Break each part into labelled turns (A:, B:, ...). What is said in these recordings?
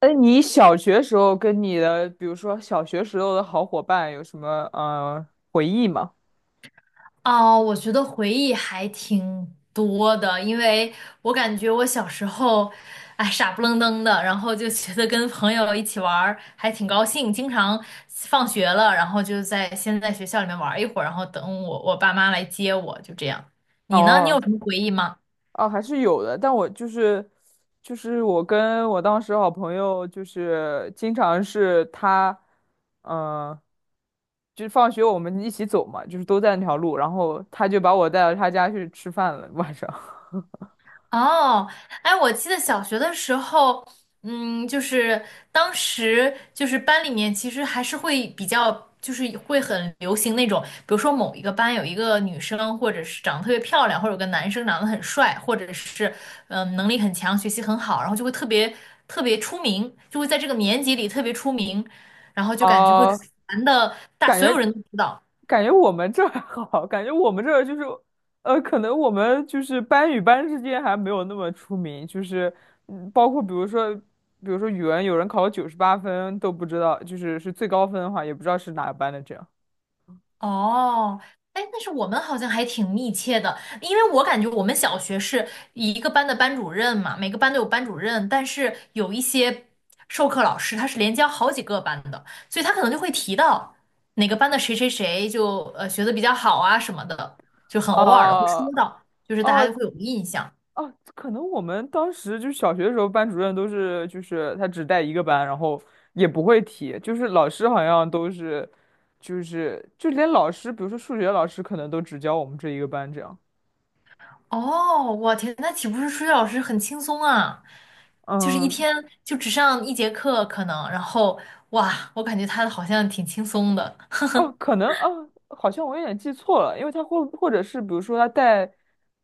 A: 哎，你小学时候跟你的，比如说小学时候的好伙伴有什么回忆吗？
B: 哦，我觉得回忆还挺多的，因为我感觉我小时候，哎，傻不愣登的，然后就觉得跟朋友一起玩儿还挺高兴，经常放学了，然后就在先在学校里面玩儿一会儿，然后等我爸妈来接我，就这样。你呢？你有
A: 哦。
B: 什么回忆吗？
A: 哦，还是有的，但我就是我跟我当时好朋友，就是经常是他，嗯、就是放学我们一起走嘛，就是都在那条路，然后他就把我带到他家去吃饭了晚上。
B: 哦，哎，我记得小学的时候，嗯，就是当时就是班里面其实还是会比较，就是会很流行那种，比如说某一个班有一个女生，或者是长得特别漂亮，或者有个男生长得很帅，或者是能力很强，学习很好，然后就会特别特别出名，就会在这个年级里特别出名，然后 就感觉会
A: 哦。
B: 传的大，
A: 感
B: 所有
A: 觉
B: 人都知道。
A: 我们这儿 还好，感觉我们这儿就是，可能我们就是班与班之间还没有那么出名，就是，嗯，包括比如说，语文，有人考了98分都不知道，就是是最高分的话，也不知道是哪个班的这样。
B: 哦，哎，但是我们好像还挺密切的，因为我感觉我们小学是一个班的班主任嘛，每个班都有班主任，但是有一些授课老师他是连教好几个班的，所以他可能就会提到哪个班的谁谁谁就学的比较好啊什么的，就很偶尔的会
A: 哦。
B: 说到，就是大家就
A: 哦，
B: 会有印象。
A: 哦，可能我们当时就是小学的时候，班主任都是就是他只带一个班，然后也不会提，就是老师好像都是，就是就连老师，比如说数学老师，可能都只教我们这一个班这样。
B: 哦，我天，那岂不是数学老师很轻松啊？就是一
A: 嗯。
B: 天就只上一节课可能，然后哇，我感觉他好像挺轻松的。
A: 哦，可能哦，好像我有点记错了，因为他或者是比如说他带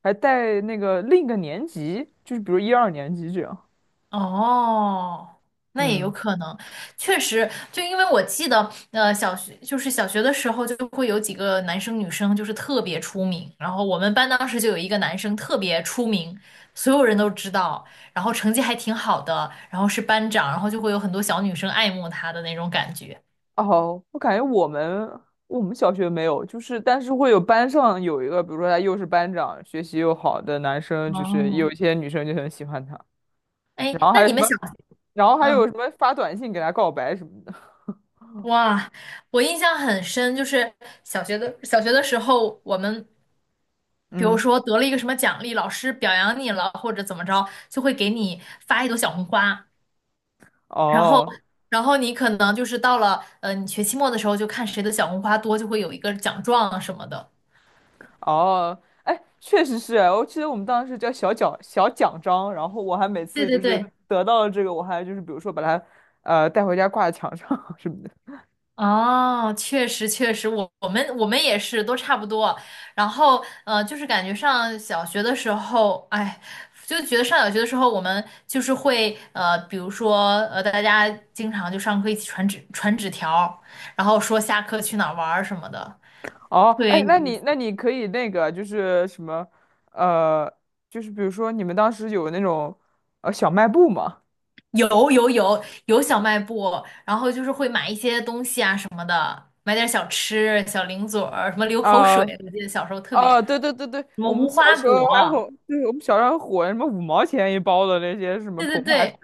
A: 还带那个另一个年级，就是比如一二年级这样。
B: 哦，那也有
A: 嗯。
B: 可能，确实，就因为我记得，小学就是小学的时候就会有几个男生女生就是特别出名，然后我们班当时就有一个男生特别出名，所有人都知道，然后成绩还挺好的，然后是班长，然后就会有很多小女生爱慕他的那种感觉。
A: 哦，我感觉我们小学没有，就是但是会有班上有一个，比如说他又是班长，学习又好的男生，就是有
B: 哦，
A: 一些女生就很喜欢他，
B: 哎，
A: 然后
B: 那
A: 还有
B: 你
A: 什
B: 们
A: 么，
B: 小，
A: 然后还有
B: 嗯，
A: 什么发短信给他告白什么的。
B: 哇，我印象很深，就是小学的时候，我们比如
A: 嗯。
B: 说得了一个什么奖励，老师表扬你了，或者怎么着，就会给你发一朵小红花，然后，
A: 哦。
B: 然后你可能就是到了你学期末的时候，就看谁的小红花多，就会有一个奖状啊什么的。
A: 哦，哎，确实是啊，我记得我们当时叫小奖章，然后我还每
B: 对
A: 次
B: 对
A: 就是
B: 对，
A: 得到了这个，我还就是比如说把它带回家挂在墙上 什么的。
B: 哦，确实确实，我我们我们也是都差不多。然后就是感觉上小学的时候，哎，就觉得上小学的时候，我们就是会比如说大家经常就上课一起传纸条，然后说下课去哪儿玩儿什么的，
A: 哦，
B: 特别
A: 哎，
B: 有
A: 那
B: 意
A: 你
B: 思。
A: 可以那个就是什么，呃，就是比如说你们当时有那种小卖部吗？
B: 有有有有小卖部，然后就是会买一些东西啊什么的，买点小吃、小零嘴儿，什么流口
A: 啊、
B: 水，我记得小时候特别，
A: 啊，对，
B: 什么
A: 我们
B: 无
A: 小
B: 花
A: 时
B: 果，
A: 候还火，就是我们小时候还火什么5毛钱一包的那些什么
B: 对对
A: 膨化食，
B: 对。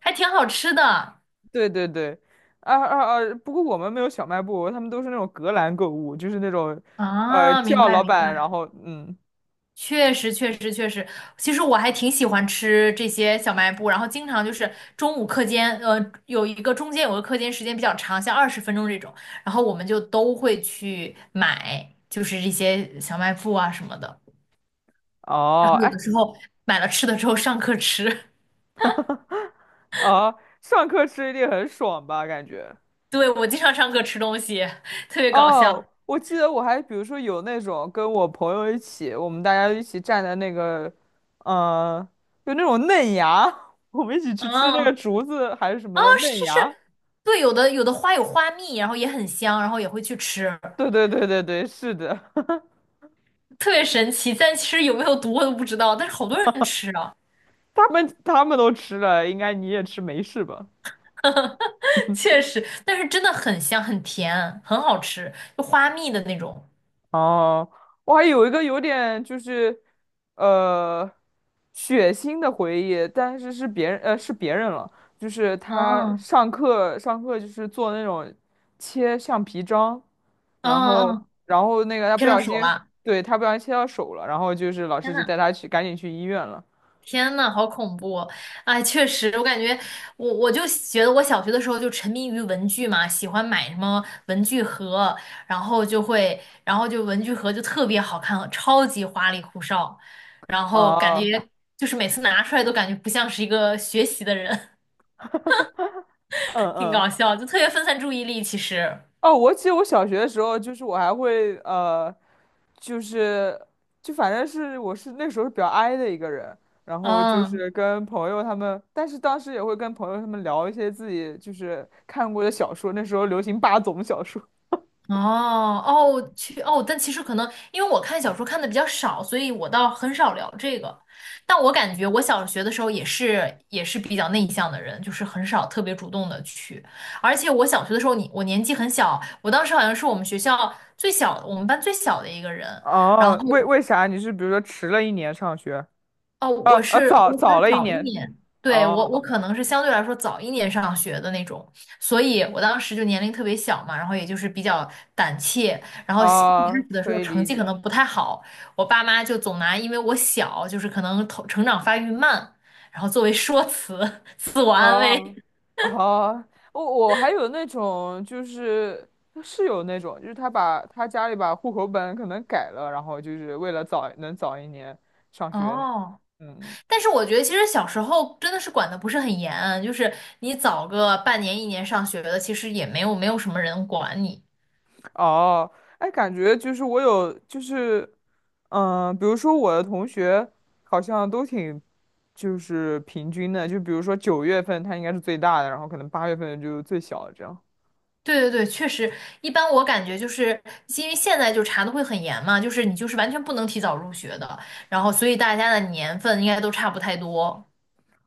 B: 还挺好吃的
A: 对对对，啊啊啊！不过我们没有小卖部，他们都是那种隔栏购物，就是那种
B: 啊，明
A: 叫
B: 白
A: 老
B: 明白，
A: 板，然后嗯，
B: 确实确实确实，其实我还挺喜欢吃这些小卖部，然后经常就是中午课间，有一个中间有个课间时间比较长，像20 分钟这种，然后我们就都会去买，就是这些小卖部啊什么的，然
A: 哦，
B: 后有的
A: 哎。
B: 时候买了吃的之后上课吃，
A: 哦，上课吃一定很爽吧？感觉。
B: 对，我经常上课吃东西，特别搞笑，
A: 哦，我记得我还比如说有那种跟我朋友一起，我们大家一起站在那个，呃，就那种嫩芽，我们一起去吃那个
B: 嗯，
A: 竹子还是什么
B: 啊，
A: 的
B: 是
A: 嫩
B: 是是，
A: 芽。
B: 对，有的花有花蜜，然后也很香，然后也会去吃。
A: 对对对对对，是的。
B: 特别神奇，但其实有没有毒我都不知道，但是好多人吃啊，
A: 他们都吃了，应该你也吃没事吧？
B: 确实，但是真的很香，很甜，很好吃，就花蜜的那种。
A: 哦，我还有一个有点就是，呃，血腥的回忆，但是是别人，是别人了，就是他
B: 嗯
A: 上课就是做那种切橡皮章，然
B: 嗯
A: 后
B: 嗯，
A: 然后那个他
B: 贴
A: 不
B: 上
A: 小
B: 手
A: 心，
B: 了，
A: 对，他不小心切到手了，然后就是老
B: 天
A: 师就
B: 呐！
A: 带他去赶紧去医院了。
B: 天呐，好恐怖哦！哎，确实，我感觉我就觉得我小学的时候就沉迷于文具嘛，喜欢买什么文具盒，然后就会，然后就文具盒就特别好看，超级花里胡哨，然后感觉
A: 哦。
B: 就是每次拿出来都感觉不像是一个学习的人。
A: 嗯
B: 挺
A: 嗯。
B: 搞笑，就特别分散注意力。其实，
A: 哦，我记得我小学的时候，就是我还会就是就反正是我是那时候比较 i 的一个人，然后就
B: 嗯，
A: 是跟朋友他们，但是当时也会跟朋友他们聊一些自己就是看过的小说，那时候流行霸总小说。
B: 哦哦，去哦，但其实可能因为我看小说看的比较少，所以我倒很少聊这个。但我感觉我小学的时候也是比较内向的人，就是很少特别主动的去。而且我小学的时候你，我年纪很小，我当时好像是我们学校最小的我们班最小的一个人。然后
A: 哦，为啥你是比如说迟了一年上学？
B: 哦，
A: 啊啊，早
B: 我可能
A: 了一
B: 早一
A: 年，
B: 年，对，我
A: 哦。
B: 可能是相对来说早一年上学的那种，所以我当时就年龄特别小嘛，然后也就是比较胆怯，然
A: 哦，
B: 后小一开
A: 哦
B: 始的时
A: 可
B: 候
A: 以
B: 成
A: 理
B: 绩可
A: 解。
B: 能不太好，我爸妈就总拿因为我小，就是可能头成长发育慢，然后作为说辞，自我安
A: 啊。
B: 慰。
A: 哦，我还有那种就是是有那种，就是他把他家里把户口本可能改了，然后就是为了早能早一年上学
B: 哦，
A: 那嗯，
B: 但是我觉得其实小时候真的是管的不是很严，就是你早个半年一年上学的，其实也没有什么人管你。
A: 哦，哎，感觉就是我有就是，比如说我的同学好像都挺就是平均的，就比如说9月份他应该是最大的，然后可能8月份就最小的这样，
B: 对对对，确实，一般我感觉就是因为现在就查的会很严嘛，就是你就是完全不能提早入学的，然后所以大家的年份应该都差不太多。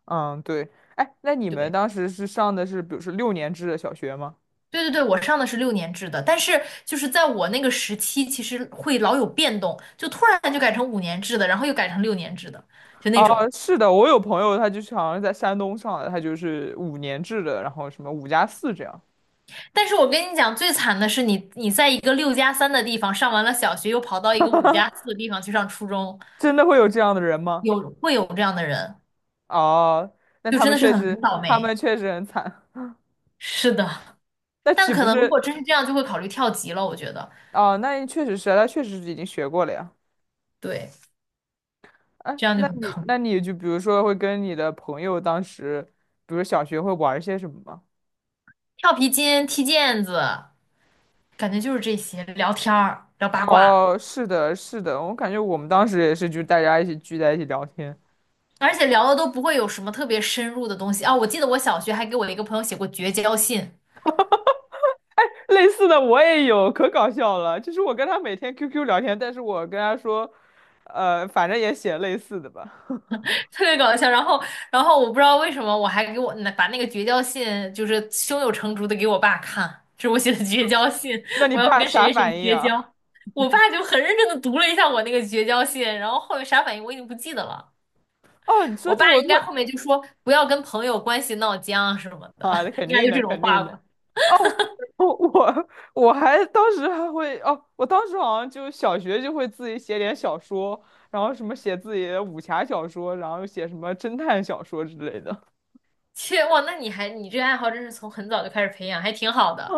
A: 嗯，对。哎，那你们
B: 对
A: 当时是上的是比如说6年制的小学吗？
B: 对对对，我上的是六年制的，但是就是在我那个时期，其实会老有变动，就突然就改成五年制的，然后又改成六年制的，就那
A: 啊，
B: 种。
A: 是的，我有朋友，他就是好像是在山东上的，他就是5年制的，然后什么5加4这样。
B: 但是我跟你讲，最惨的是你在一个六加三的地方上完了小学，又跑到一个五加四的地方去上初中，
A: 真的会有这样的人吗？
B: 有，会有这样的人，
A: 哦，那
B: 就
A: 他
B: 真
A: 们
B: 的是
A: 确
B: 很
A: 实，
B: 倒
A: 他
B: 霉。
A: 们确实很惨。
B: 是的。
A: 那
B: 但
A: 岂
B: 可
A: 不
B: 能如
A: 是？
B: 果真是这样，就会考虑跳级了。我觉得，
A: 哦，那确实是啊，他确实是已经学过了呀。
B: 对，
A: 哎，
B: 这样就
A: 那
B: 很
A: 你，
B: 坑。
A: 那你就比如说会跟你的朋友当时，比如小学会玩一些什么吗？
B: 跳皮筋、踢毽子，感觉就是这些，聊天儿、聊八卦，
A: 哦，是的，是的，我感觉我们当时也是，就大家一起聚在一起聊天。
B: 而且聊的都不会有什么特别深入的东西啊。我记得我小学还给我一个朋友写过绝交信，
A: 类似的我也有，可搞笑了。就是我跟他每天 QQ 聊天，但是我跟他说，反正也写类似的吧。
B: 特别搞笑。然后我不知道为什么，我还给我把那个绝交信就是胸有成竹的给我爸看，这是我写的绝交信，
A: 那你
B: 我要
A: 爸
B: 跟
A: 啥
B: 谁谁谁
A: 反应
B: 绝交。
A: 啊？
B: 我爸就很认真的读了一下我那个绝交信，然后后面啥反应我已经不记得了。
A: 哦，你说
B: 我爸
A: 这个我
B: 应
A: 突
B: 该
A: 然。
B: 后面就说不要跟朋友关系闹僵啊什么的，
A: 啊，那 肯
B: 应该
A: 定
B: 就
A: 的，
B: 这种
A: 肯定
B: 话
A: 的。
B: 吧。
A: 哦，我我我还当时还会哦，我当时好像就小学就会自己写点小说，然后什么写自己的武侠小说，然后写什么侦探小说之类的。
B: 切，哇，那你还你这爱好真是从很早就开始培养，还挺好的。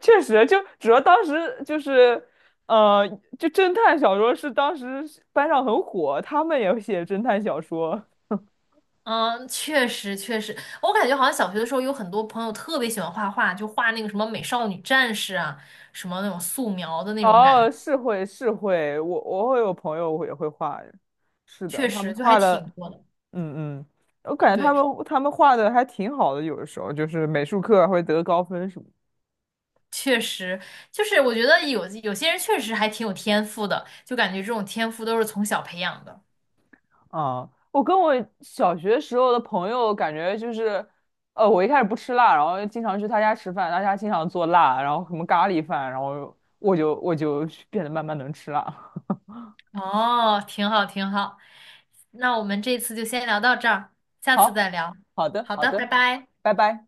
A: 确实，就主要当时就是，呃，就侦探小说是当时班上很火，他们也写侦探小说。
B: 嗯，确实确实，我感觉好像小学的时候有很多朋友特别喜欢画画，就画那个什么美少女战士啊，什么那种素描的那种感觉，
A: 哦，是会是会，我会有朋友也会画，是的，
B: 确
A: 他们
B: 实就还
A: 画的，
B: 挺多的。
A: 嗯嗯，我感觉
B: 对，
A: 他们画的还挺好的，有的时候就是美术课还会得高分什么。
B: 确实就是我觉得有些人确实还挺有天赋的，就感觉这种天赋都是从小培养的。
A: 啊，我跟我小学时候的朋友感觉就是，我一开始不吃辣，然后经常去他家吃饭，他家经常做辣，然后什么咖喱饭，然后我我就变得慢慢能吃辣。
B: 哦，挺好，挺好。那我们这次就先聊到这儿，下次
A: 好，
B: 再聊。
A: 好的，
B: 好
A: 好
B: 的，拜
A: 的，
B: 拜。
A: 拜拜。